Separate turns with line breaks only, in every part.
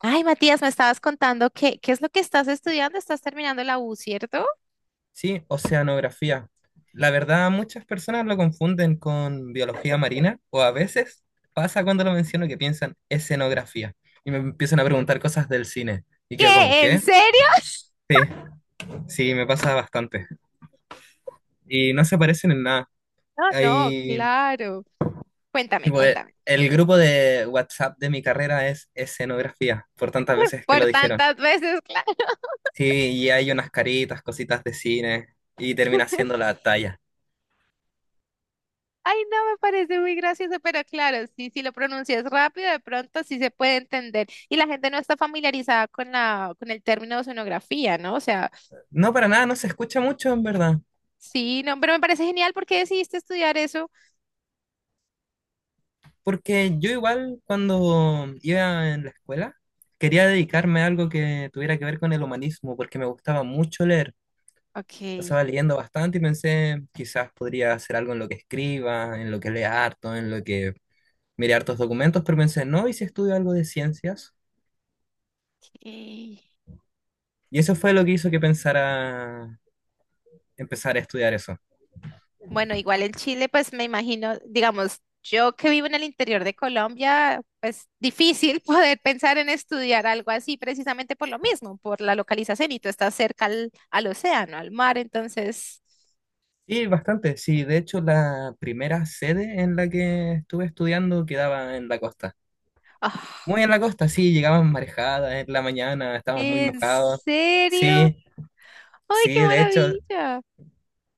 Ay, Matías, me estabas contando qué es lo que estás estudiando. Estás terminando la U, ¿cierto?
Sí, oceanografía. La verdad, muchas personas lo confunden con biología marina o a veces pasa cuando lo menciono que piensan escenografía y me empiezan a preguntar cosas del cine y quedo como,
¿Qué? ¿En
¿qué?
serio?
Sí, sí, me pasa bastante y no se parecen en nada.
No, no,
Hay,
claro. Cuéntame,
tipo,
cuéntame.
el grupo de WhatsApp de mi carrera es escenografía, por tantas veces que
Por
lo dijeron.
tantas veces, claro.
Sí, y hay unas caritas, cositas de cine y termina siendo la talla.
Ay, no, me parece muy gracioso, pero claro, sí, si lo pronuncias rápido, de pronto sí se puede entender. Y la gente no está familiarizada con con el término de sonografía, ¿no? O sea,
No, para nada, no se escucha mucho en verdad.
sí, no, pero me parece genial porque decidiste estudiar eso.
Porque yo igual cuando iba en la escuela quería dedicarme a algo que tuviera que ver con el humanismo, porque me gustaba mucho leer.
Ok,
Estaba leyendo bastante y pensé, quizás podría hacer algo en lo que escriba, en lo que lea harto, en lo que mire hartos documentos, pero pensé, no, ¿y si estudio algo de ciencias?
ok.
Y eso fue lo que hizo que pensara empezar a estudiar eso.
Bueno, igual en Chile, pues me imagino, digamos, yo que vivo en el interior de Colombia, pues difícil poder pensar en estudiar algo así precisamente por lo mismo, por la localización y tú estás cerca al océano, al mar, entonces,
Sí, bastante, sí, de hecho la primera sede en la que estuve estudiando quedaba en la costa.
ah,
Muy en la costa, sí, llegamos marejadas en la mañana, estábamos muy
¿en
mojados.
serio?
Sí,
¡Ay, qué
sí, de hecho,
maravilla!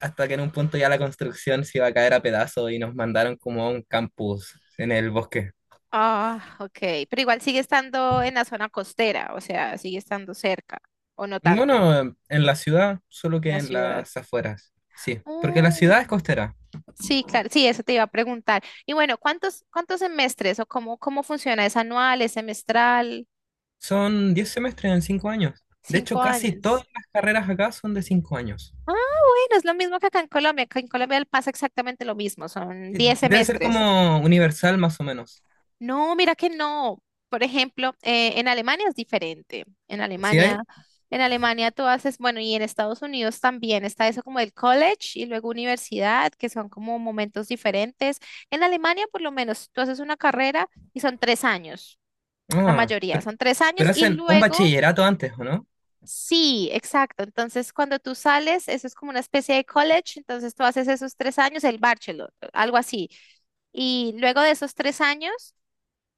hasta que en un punto ya la construcción se iba a caer a pedazos y nos mandaron como a un campus en el bosque.
Ah, ok, pero igual sigue estando en la zona costera, o sea, sigue estando cerca, o no tanto,
Bueno, en la ciudad, solo
en
que
la
en
ciudad.
las afueras, sí, porque la ciudad es costera.
Sí, claro, sí, eso te iba a preguntar. Y bueno, ¿cuántos, cuántos semestres o cómo, cómo funciona? ¿Es anual, es semestral?
Son 10 semestres en 5 años. De hecho,
¿Cinco
casi
años?
todas las carreras acá son de 5 años.
Ah, bueno, es lo mismo que acá en Colombia. Acá en Colombia pasa exactamente lo mismo, son
Eh,
diez
Debe ser
semestres.
como universal más o menos.
No, mira que no. Por ejemplo, en Alemania es diferente. En
¿Sí
Alemania,
hay?
en Alemania tú haces, bueno, y en Estados Unidos también está eso como el college y luego universidad, que son como momentos diferentes. En Alemania, por lo menos, tú haces una carrera y son tres años. La
Ah,
mayoría
pero,
son tres años
pero
y
hacen un
luego,
bachillerato antes, ¿o no?
sí, exacto. Entonces, cuando tú sales, eso es como una especie de college, entonces tú haces esos tres años, el bachelor, algo así. Y luego de esos tres años,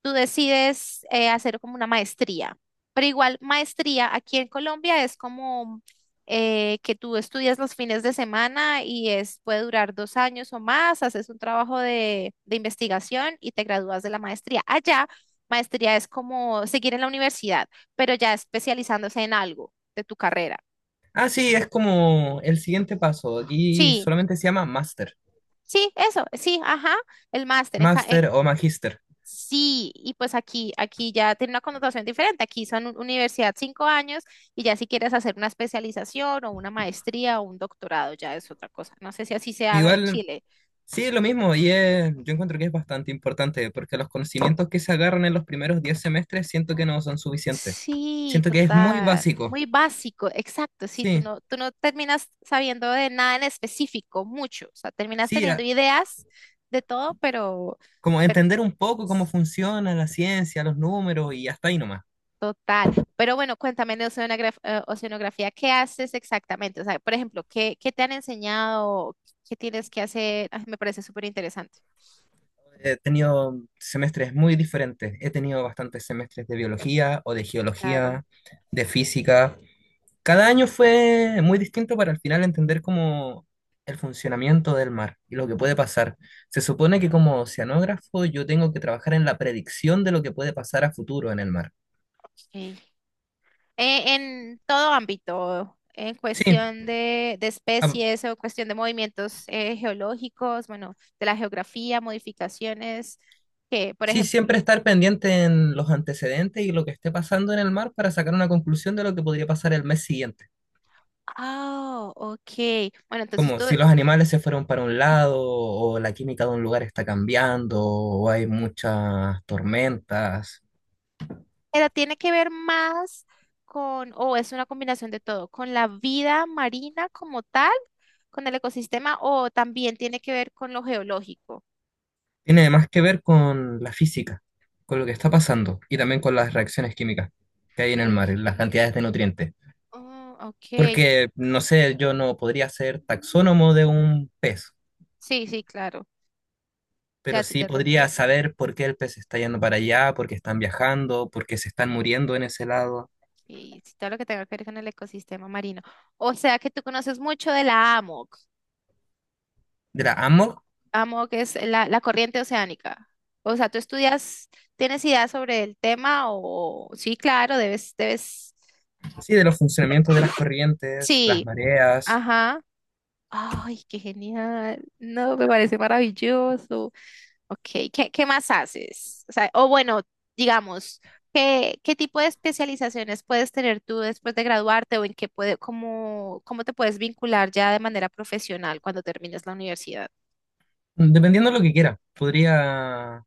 tú decides hacer como una maestría. Pero igual, maestría aquí en Colombia es como que tú estudias los fines de semana y es, puede durar dos años o más, haces un trabajo de investigación y te gradúas de la maestría. Allá, maestría es como seguir en la universidad, pero ya especializándose en algo de tu carrera.
Ah, sí, es como el siguiente paso. Aquí
Sí,
solamente se llama master,
sí, eso, sí, ajá, el máster.
master o magíster.
Sí, y pues aquí, aquí ya tiene una connotación diferente. Aquí son universidad cinco años y ya si quieres hacer una especialización o una maestría o un doctorado, ya es otra cosa. No sé si así se haga en
Igual,
Chile.
sí, es lo mismo y es- yo encuentro que es bastante importante porque los conocimientos que se agarran en los primeros 10 semestres siento que no son suficientes.
Sí,
Siento que es muy
total.
básico.
Muy básico, exacto. Sí,
Sí,
tú no terminas sabiendo de nada en específico, mucho. O sea, terminas
sí,
teniendo
a-
ideas de todo, pero,
como
pero
entender un poco cómo funciona la ciencia, los números y hasta ahí nomás.
Total. Pero bueno, cuéntame de oceanografía, ¿qué haces exactamente? O sea, por ejemplo, ¿qué, qué te han enseñado? ¿Qué tienes que hacer? Ay, me parece súper interesante.
He tenido semestres muy diferentes. He tenido bastantes semestres de biología o de
Claro,
geología, de física. Cada año fue muy distinto para al final entender cómo el funcionamiento del mar y lo que puede pasar. Se supone que como oceanógrafo yo tengo que trabajar en la predicción de lo que puede pasar a futuro en el mar.
ok. En todo ámbito, en
Sí,
cuestión de
a-
especies o cuestión de movimientos geológicos, bueno, de la geografía, modificaciones, que, por
sí,
ejemplo,
siempre estar pendiente en los antecedentes y lo que esté pasando en el mar para sacar una conclusión de lo que podría pasar el mes siguiente.
ah, ok. Bueno, entonces
Como
tú,
si los animales se fueron para un lado, o la química de un lugar está cambiando, o hay muchas tormentas.
pero tiene que ver más con, o es una combinación de todo, con la vida marina como tal, con el ecosistema, o también tiene que ver con lo geológico.
Tiene más que ver con la física, con lo que está pasando y también con las reacciones químicas que hay en el
Ok,
mar, las
química.
cantidades de nutrientes.
Oh, ok.
Porque, no sé, yo no podría ser taxónomo de un pez,
Sí, sí, claro.
pero
Ya te,
sí
ya te
podría
entiendo.
saber por qué el pez está yendo para allá, por qué están
Mm,
viajando, por qué se están muriendo en ese lado.
y sí, todo lo que tenga que ver con el ecosistema marino. O sea que tú conoces mucho de la AMOC.
De la amo,
AMOC es la corriente oceánica. O sea, tú estudias, ¿tienes idea sobre el tema? O sí, claro, debes, debes.
sí, de los funcionamientos de las corrientes, las
Sí,
mareas,
ajá. Ay, qué genial. No, me parece maravilloso. Ok, ¿qué, qué más haces? O sea, o bueno, digamos, ¿qué, qué tipo de especializaciones puedes tener tú después de graduarte o en qué puede, cómo, cómo te puedes vincular ya de manera profesional cuando termines la universidad?
dependiendo de lo que quiera. Podría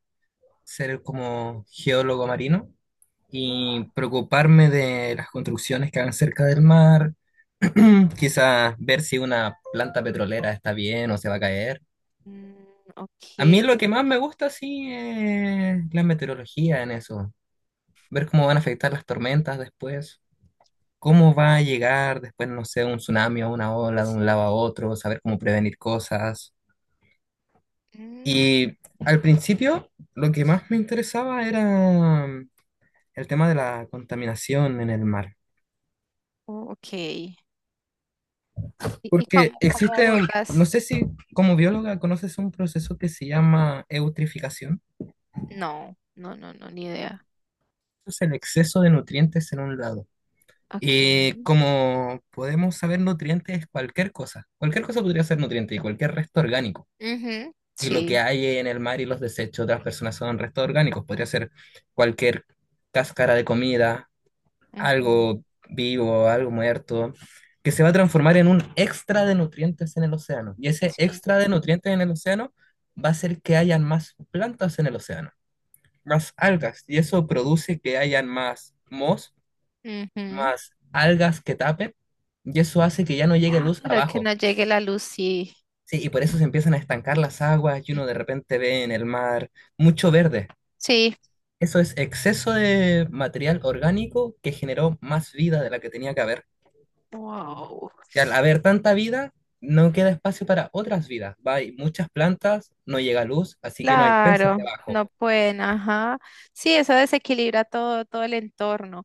ser como geólogo marino y preocuparme de las construcciones que hagan cerca del mar, quizás ver si una planta petrolera está bien o se va a caer.
Mm,
A mí
ok.
lo que más me gusta sí es la meteorología en eso, ver cómo van a afectar las tormentas después, cómo va a llegar después, no sé, un tsunami o una ola de un lado a otro, saber cómo prevenir cosas.
Mm,
Y al principio lo que más me interesaba era el tema de la contaminación en el mar.
oh, ok. Y
Porque
cómo, cómo
existe, un-
abordas?
no sé si como bióloga conoces un proceso que se llama eutrificación.
No, no, no, no, ni idea.
Es el exceso de nutrientes en un lado. Y
Ok.
como podemos saber, nutrientes es cualquier cosa. Cualquier cosa podría ser nutriente y cualquier resto orgánico.
Ujú,
Y lo que
sí.
hay en el mar y los desechos de las personas son restos orgánicos. Podría ser cualquier cáscara de comida,
Ujú,
algo vivo, algo muerto, que se va a transformar en un extra de nutrientes en el océano. Y ese
sí.
extra de nutrientes en el océano va a hacer que hayan más plantas en el océano, más algas. Y eso produce que hayan más mos,
Ujú.
más algas que tapen. Y eso hace que ya no llegue luz
Claro, que no
abajo.
llegue la luz, sí.
Sí, y por eso se empiezan a estancar las aguas y uno de repente ve en el mar mucho verde.
Sí.
Eso es exceso de material orgánico que generó más vida de la que tenía que haber.
Wow.
Que al haber tanta vida, no queda espacio para otras vidas. Va, hay muchas plantas, no llega luz, así que no hay peces
Claro,
debajo.
no pueden, ajá. Sí, eso desequilibra todo, todo el entorno.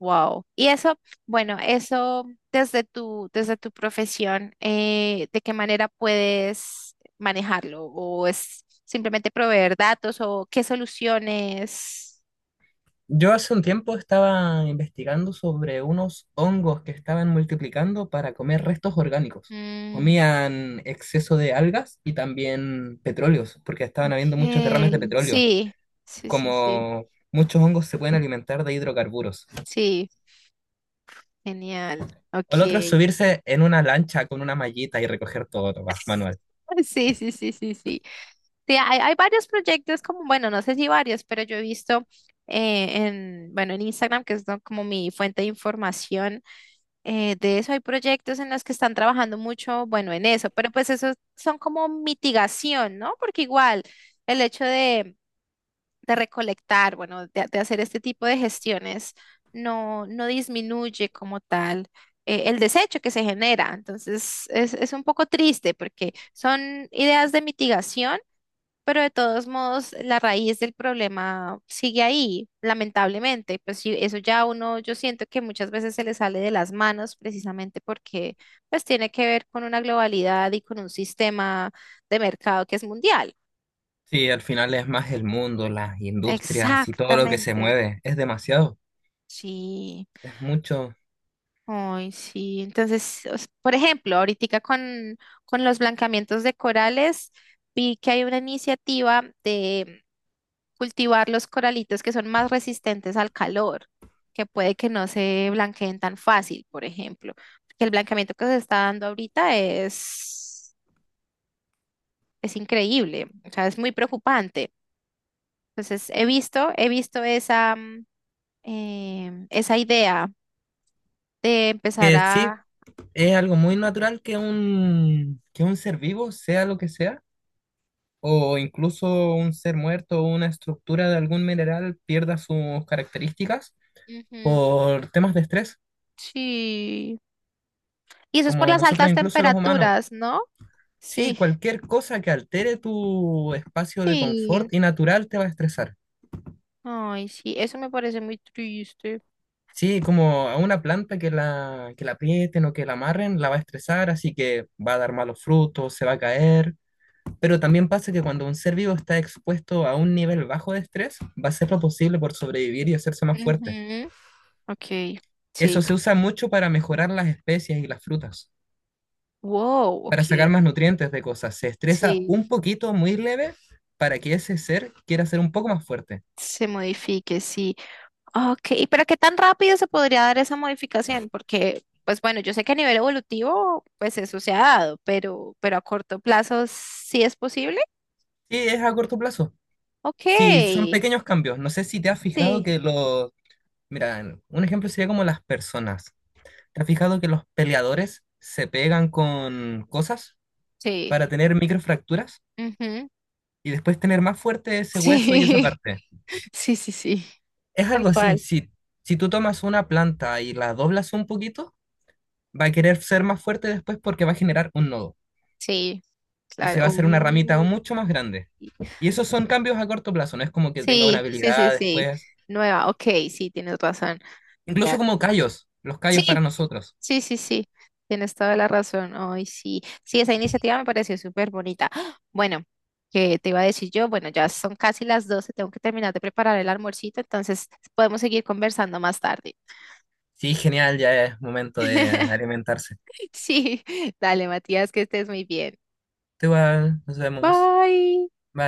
Wow. Y eso, bueno, eso desde desde tu profesión, ¿de qué manera puedes manejarlo? ¿O es simplemente proveer datos o qué soluciones?
Yo hace un tiempo estaba investigando sobre unos hongos que estaban multiplicando para comer restos orgánicos.
Mm,
Comían exceso de algas y también petróleos, porque estaban
ok.
habiendo muchos derrames de petróleo.
Sí, sí, sí, sí.
Como muchos hongos se pueden alimentar de hidrocarburos.
Sí, genial.
O el otro es
Ok.
subirse en una lancha con una mallita y recoger todo, nomás, manual.
Sí, sí, sí, sí, sí. Sí, hay varios proyectos como, bueno, no sé si varios, pero yo he visto bueno, en Instagram, que es como mi fuente de información, de eso hay proyectos en los que están trabajando mucho, bueno, en eso, pero pues esos son como mitigación, ¿no? Porque igual el hecho de recolectar, bueno, de hacer este tipo de gestiones, no disminuye como tal el desecho que se genera. Entonces, es un poco triste porque son ideas de mitigación, pero de todos modos, la raíz del problema sigue ahí, lamentablemente. Pues sí, eso ya uno, yo siento que muchas veces se le sale de las manos precisamente porque pues tiene que ver con una globalidad y con un sistema de mercado que es mundial.
Sí, al final es más el mundo, las industrias y todo lo que se
Exactamente.
mueve. Es demasiado,
Sí.
es mucho.
Ay, sí. Entonces, por ejemplo, ahorita con los blancamientos de corales, vi que hay una iniciativa de cultivar los coralitos que son más resistentes al calor, que puede que no se blanqueen tan fácil, por ejemplo. Porque el blanqueamiento que se está dando ahorita es increíble, o sea, es muy preocupante. Entonces, he visto esa idea de empezar
Que sí,
a...
es algo muy natural que un ser vivo, sea lo que sea, o incluso un ser muerto o una estructura de algún mineral pierda sus características
Ujú,
por temas de estrés,
sí. Y eso es por
como
las
nosotros
altas
incluso los humanos.
temperaturas, ¿no?
Sí,
Sí,
cualquier cosa que altere tu espacio de
sí.
confort y natural te va a estresar.
Ay, sí, eso me parece muy triste.
Sí, como a una planta que la aprieten o que la amarren, la va a estresar, así que va a dar malos frutos, se va a caer. Pero también pasa que cuando un ser vivo está expuesto a un nivel bajo de estrés, va a hacer lo posible por sobrevivir y hacerse más fuerte.
Ujú, ok,
Eso
sí.
se usa mucho para mejorar las especies y las frutas,
Wow,
para sacar
ok.
más nutrientes de cosas. Se estresa
Sí,
un poquito, muy leve, para que ese ser quiera ser un poco más fuerte.
se modifique, sí. Ok, pero ¿qué tan rápido se podría dar esa modificación? Porque, pues bueno, yo sé que a nivel evolutivo, pues eso se ha dado, pero a corto plazo sí es posible.
Sí, es a corto plazo.
Ok,
Sí, son pequeños cambios. No sé si te has fijado
sí,
que los Mira, un ejemplo sería como las personas. ¿Te has fijado que los peleadores se pegan con cosas
sí.
para tener microfracturas
Ujú,
y después tener más fuerte ese hueso y esa
sí,
parte?
sí, sí, sí.
Es
Tal
algo así.
cual.
Si, si tú tomas una planta y la doblas un poquito, va a querer ser más fuerte después porque va a generar un nodo
Sí.
y se
Claro.
va a hacer una ramita
Oh.
mucho más grande. Y esos son cambios a corto plazo, no es como que tenga una
Sí, sí, sí,
habilidad
sí.
después.
Nueva, ok, sí, tienes razón.
Incluso
Vea-
como callos, los
Sí,
callos para nosotros.
sí, sí, sí. Tienes toda la razón. Ay, sí. Sí, esa iniciativa me pareció súper bonita. ¡Ah! Bueno, qué te iba a decir yo, bueno, ya son casi las 12, tengo que terminar de preparar el almuercito, entonces podemos seguir conversando más tarde.
Sí, genial, ya es momento de alimentarse.
Sí, dale, Matías, que estés muy bien.
Tú igual, nos vemos. Bye.
Bye.